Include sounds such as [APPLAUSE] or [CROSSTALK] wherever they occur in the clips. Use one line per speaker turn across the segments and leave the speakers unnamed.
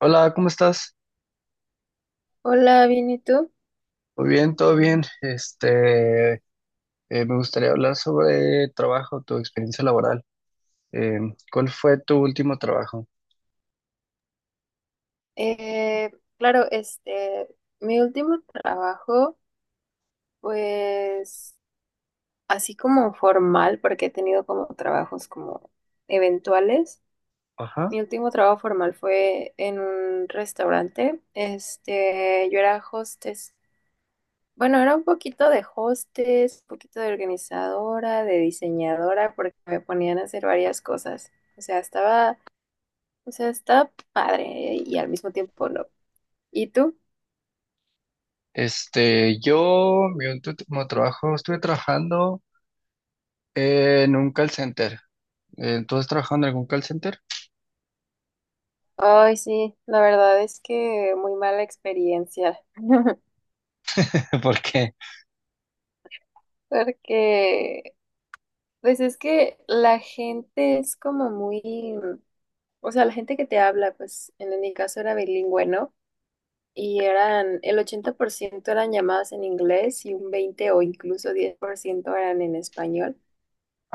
Hola, ¿cómo estás?
Hola, bien, ¿y tú?
Muy bien, todo bien. Me gustaría hablar sobre trabajo, tu experiencia laboral. Eh, ¿Cuál fue tu último trabajo?
Eh, claro, este, mi último trabajo, pues, así como formal, porque he tenido como trabajos como eventuales.
Ajá.
Mi último trabajo formal fue en un restaurante. Este, yo era hostess. Bueno, era un poquito de hostess, un poquito de organizadora, de diseñadora, porque me ponían a hacer varias cosas. O sea, estaba padre y al mismo tiempo no. ¿Y tú?
Mi último trabajo, estuve trabajando en un call center. ¿Tú has trabajado en algún call center?
Ay, sí, la verdad es que muy mala experiencia. [LAUGHS]
[LAUGHS] ¿Por qué?
Porque, pues es que la gente es como muy, o sea, la gente que te habla, pues en mi caso era bilingüe, ¿no? Y eran, el 80% eran llamadas en inglés y un 20 o incluso 10% eran en español.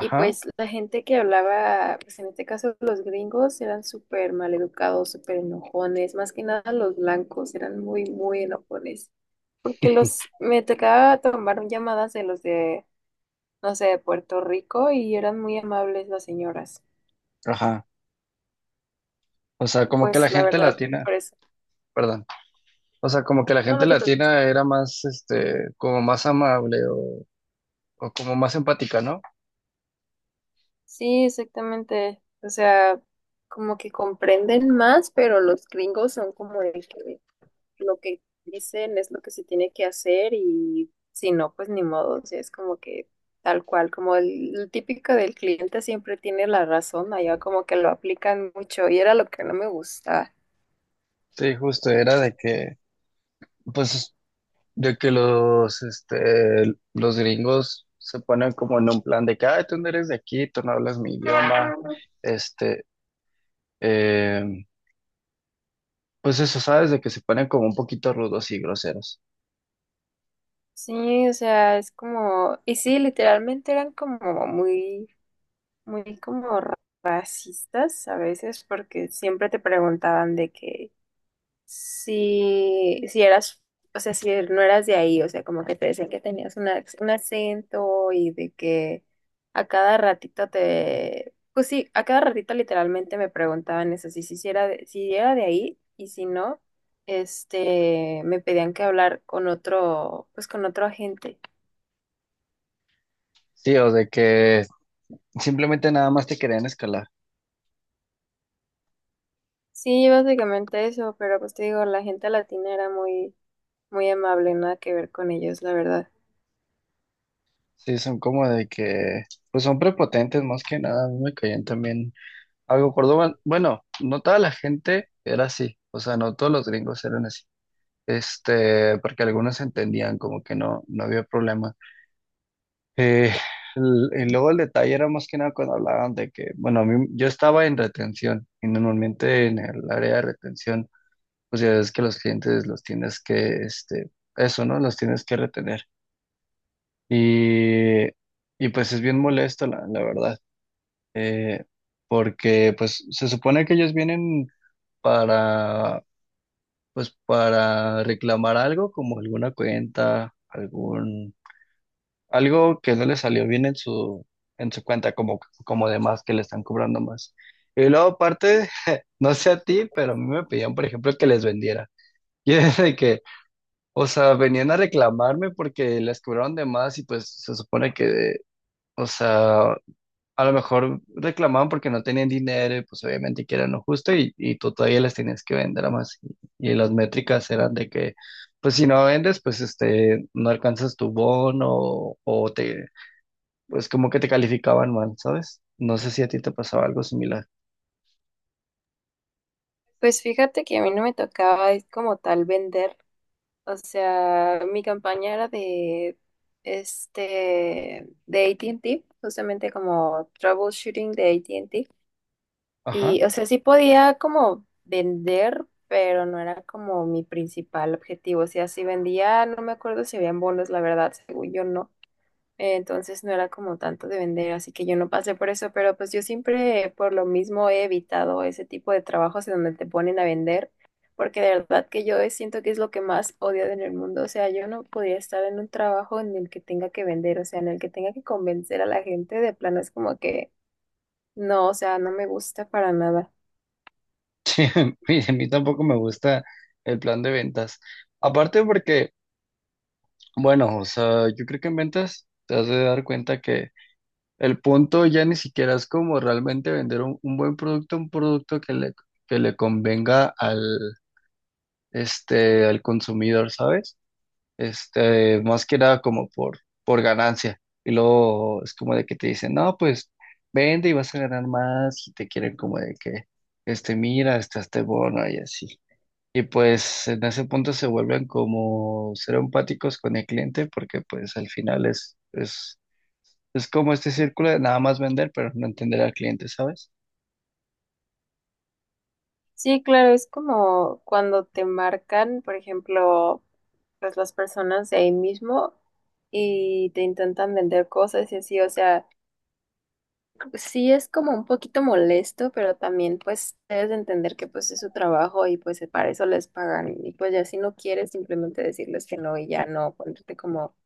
Y pues la gente que hablaba, pues en este caso los gringos eran súper maleducados, súper enojones, más que nada los blancos eran muy, muy enojones. Porque los me tocaba tomar llamadas de los de, no sé, de Puerto Rico y eran muy amables las señoras.
ajá. O sea,
Y
como que la
pues la
gente
verdad,
latina,
por eso.
perdón. O sea, como que la
No,
gente
no te preocupes.
latina era más, como más amable o como más empática, ¿no?
Sí, exactamente. O sea, como que comprenden más, pero los gringos son como el que lo que dicen es lo que se tiene que hacer y si no, pues ni modo. O sea, es como que tal cual, como el típico del cliente siempre tiene la razón, allá como que lo aplican mucho y era lo que no me gustaba.
Sí, justo, era de que pues de que los, los gringos se ponen como en un plan de que, "Ay, tú no eres de aquí, tú no hablas mi idioma, este, eh, pues eso, ¿sabes? De que se ponen como un poquito rudos y groseros.
Sí, o sea, es como, y sí, literalmente eran como muy, muy como racistas a veces, porque siempre te preguntaban de que si eras, o sea, no eras de ahí, o sea, como que te decían que tenías un acento y de que a cada ratito te, pues sí, a cada ratito literalmente me preguntaban eso, si era de ahí y si no, este, me pedían que hablar con otro, pues con otro agente.
Sí, o de que simplemente nada más te querían escalar.
Sí, básicamente eso, pero pues te digo, la gente latina era muy, muy amable, nada que ver con ellos, la verdad.
Sí, son como de que, pues son prepotentes más que nada, a mí me caían también algo Córdoba. Bueno, no toda la gente era así, o sea, no todos los gringos eran así, porque algunos entendían como que no, no había problema. Eh, y luego el detalle era más que nada cuando hablaban de que, bueno, yo estaba en retención y normalmente en el área de retención, pues ya ves que los clientes los tienes que, eso, ¿no? Los tienes que retener. Y, y pues es bien molesto, la verdad, eh, porque pues se supone que ellos vienen para, pues para reclamar algo como alguna cuenta, algún algo que no le salió bien en su cuenta, como, como de más, que le están cobrando más. Y luego aparte, [LAUGHS] no sé a ti, pero a mí me pedían, por ejemplo, que les vendiera. [LAUGHS] Y es de que, o sea, venían a reclamarme porque les cobraron de más y pues se supone que, o sea, a lo mejor reclamaban porque no tenían dinero y pues obviamente que era lo justo y tú todavía les tenías que vender a más. Y las métricas eran de que, pues si no vendes, pues no alcanzas tu bono o te, pues como que te calificaban mal, ¿sabes? No sé si a ti te pasaba algo similar.
Pues fíjate que a mí no me tocaba es como tal vender, o sea, mi campaña era de, este, de AT&T, justamente como troubleshooting de AT&T,
Ajá.
y, o sea, sí podía como vender, pero no era como mi principal objetivo, o sea, si vendía, no me acuerdo si habían bonos, la verdad, según yo no. Entonces no era como tanto de vender, así que yo no pasé por eso, pero pues yo siempre por lo mismo he evitado ese tipo de trabajos en donde te ponen a vender, porque de verdad que yo siento que es lo que más odio en el mundo, o sea, yo no podría estar en un trabajo en el que tenga que vender, o sea, en el que tenga que convencer a la gente, de plano es como que no, o sea, no me gusta para nada.
[LAUGHS] Y a mí tampoco me gusta el plan de ventas. Aparte porque, bueno, o sea, yo creo que en ventas te has de dar cuenta que el punto ya ni siquiera es como realmente vender un buen producto, un producto que le convenga al, al consumidor, ¿sabes? Más que nada como por ganancia. Y luego es como de que te dicen, no, pues vende y vas a ganar más y te quieren como de que, mira, está este bono y así. Y pues en ese punto se vuelven como ser empáticos con el cliente porque pues al final es como este círculo de nada más vender pero no entender al cliente, ¿sabes?
Sí, claro, es como cuando te marcan, por ejemplo, pues las personas de ahí mismo y te intentan vender cosas y así, o sea. Sí, es como un poquito molesto, pero también pues debes de entender que pues es su trabajo y pues para eso les pagan. Y pues ya si no quieres, simplemente decirles que no y ya no ponerte como,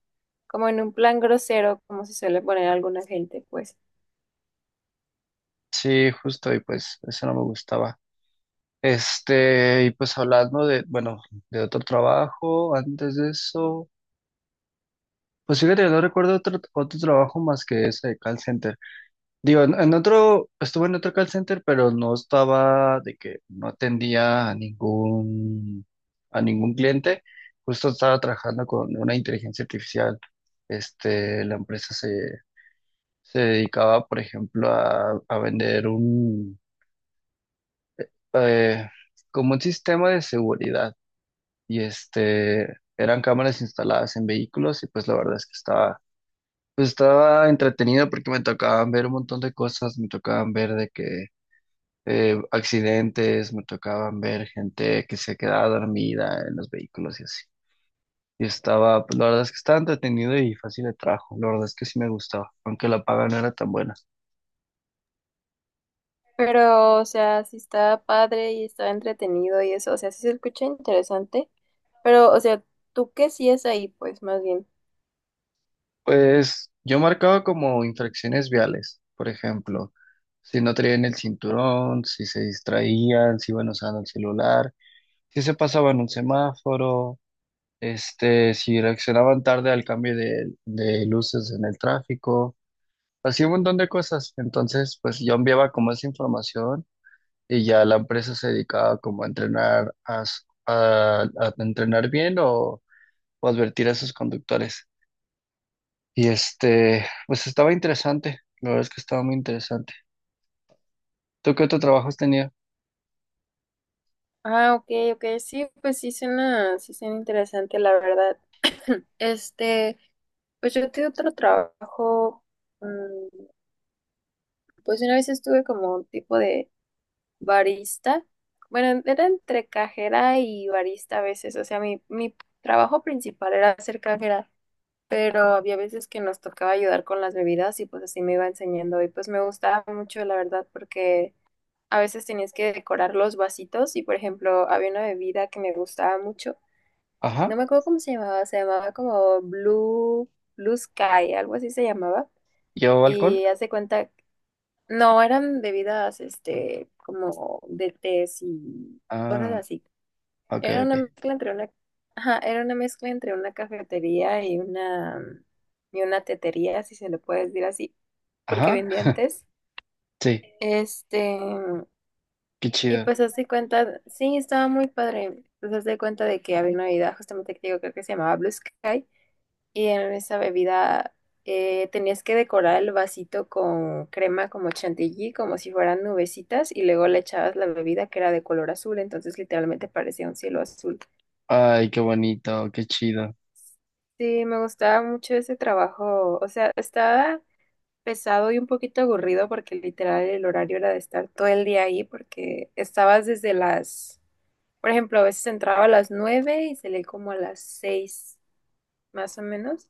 como en un plan grosero, como se suele poner alguna gente, pues.
Sí, justo, y pues eso no me gustaba. Y pues hablando de, bueno, de otro trabajo, antes de eso, pues fíjate, no recuerdo otro, otro trabajo más que ese de call center. Digo, en otro, estuve en otro call center, pero no estaba de que no atendía a ningún cliente. Justo estaba trabajando con una inteligencia artificial. La empresa se dedicaba, por ejemplo, a vender un, eh, como un sistema de seguridad. Y este, eran cámaras instaladas en vehículos y pues la verdad es que estaba, pues estaba entretenido porque me tocaban ver un montón de cosas, me tocaban ver de que accidentes, me tocaban ver gente que se quedaba dormida en los vehículos y así. Y estaba, pues la verdad es que estaba entretenido y fácil de trabajo, la verdad es que sí me gustaba, aunque la paga no era tan buena.
Pero, o sea, sí está padre y está entretenido y eso, o sea, sí se escucha interesante, pero, o sea, ¿tú qué sí es ahí, pues, más bien?
Pues yo marcaba como infracciones viales, por ejemplo, si no traían el cinturón, si se distraían, si iban usando el celular, si se pasaban un semáforo, si reaccionaban tarde al cambio de luces en el tráfico, así un montón de cosas. Entonces, pues yo enviaba como esa información y ya la empresa se dedicaba como a entrenar, a entrenar bien o advertir a sus conductores. Y este, pues estaba interesante, la verdad es que estaba muy interesante. ¿Tú qué otro trabajo has tenido?
Ah, ok, ok, sí, pues sí suena interesante, la verdad. [CLEARS THROAT] Este. Pues yo tuve otro trabajo, mm, pues una vez estuve como un tipo de barista. Bueno, era entre cajera y barista a veces. O sea, mi trabajo principal era ser cajera, pero había veces que nos tocaba ayudar con las bebidas y pues así me iba enseñando. Y pues me gustaba mucho, la verdad, porque a veces tenías que decorar los vasitos y, por ejemplo, había una bebida que me gustaba mucho. No
Ajá,
me acuerdo cómo se llamaba como Blue Sky, algo así se llamaba.
¿llevaba alcohol?
Y hace cuenta, no, eran bebidas, este, como de tés y cosas
Ah,
así.
ok,
Era
ok.
una mezcla entre una, ajá, era una mezcla entre una cafetería y una tetería, si se le puede decir así, porque
Ajá,
vendían tés.
sí,
Este,
qué
y
chido.
pues hace cuenta, sí, estaba muy padre. Pues hace cuenta de que había una bebida, justamente que digo, creo que se llamaba Blue Sky. Y en esa bebida, tenías que decorar el vasito con crema como chantilly, como si fueran nubecitas, y luego le echabas la bebida que era de color azul, entonces literalmente parecía un cielo azul.
Ay, qué bonito, qué chido.
Sí, me gustaba mucho ese trabajo, o sea, estaba pesado y un poquito aburrido porque literal el horario era de estar todo el día ahí porque estabas desde las, por ejemplo, a veces entraba a las 9 y salía como a las 6, más o menos.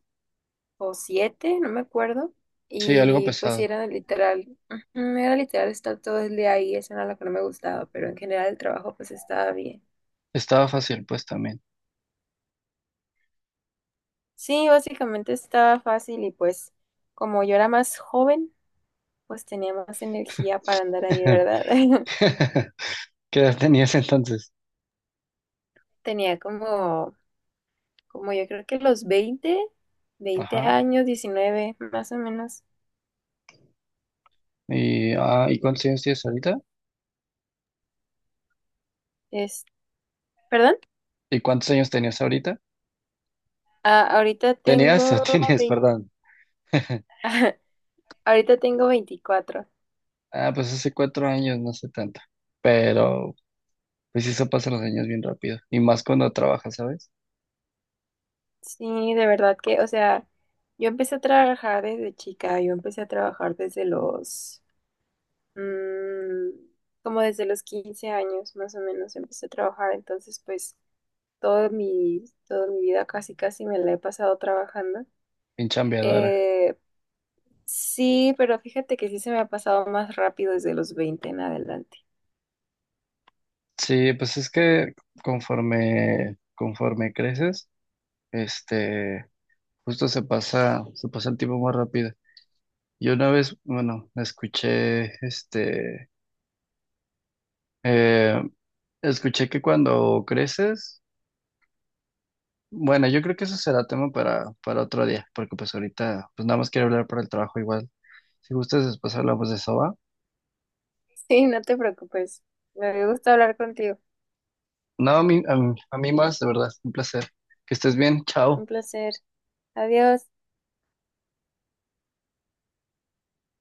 O 7, no me acuerdo.
Sí, algo
Y pues sí,
pesado.
era literal, ujú, era literal estar todo el día ahí, eso era lo que no me gustaba, pero en general el trabajo pues estaba bien.
Estaba fácil, pues también.
Sí, básicamente estaba fácil y pues como yo era más joven, pues tenía más energía para andar ahí,
[LAUGHS]
¿verdad? [LAUGHS]
¿Qué edad tenías entonces?
Tenía como, yo creo que los veinte
Ajá.
años, 19 más o menos.
¿Y cuántos años tienes ahorita?
Es, ¿Perdón?
¿Y cuántos años tenías ahorita?
Ah, ahorita tengo
¿Tenías o tienes, [LAUGHS]
20.
perdón?
[LAUGHS] Ahorita tengo 24.
Ah, pues hace 4 años, no sé tanto. Pero, pues eso pasa los años bien rápido. Y más cuando trabajas, ¿sabes?
Sí, de verdad que, o sea, yo empecé a trabajar desde chica, yo empecé a trabajar desde los, mm, como desde los 15 años más o menos empecé a trabajar, entonces pues toda mi vida casi casi me la he pasado trabajando.
Bien chambeadora.
Eh, sí, pero fíjate que sí se me ha pasado más rápido desde los 20 en adelante. [LAUGHS]
Sí, pues es que conforme, conforme creces, este, justo se pasa el tiempo más rápido. Yo una vez, bueno, escuché, eh, escuché que cuando creces, bueno, yo creo que eso será tema para otro día, porque pues ahorita, pues nada más quiero hablar por el trabajo igual. Si gustas, después hablamos de eso, ¿va?
Sí, no te preocupes, me gusta hablar contigo,
No, a mí, a mí, a mí más, de verdad, un placer. Que estés bien,
un
chao.
placer, adiós.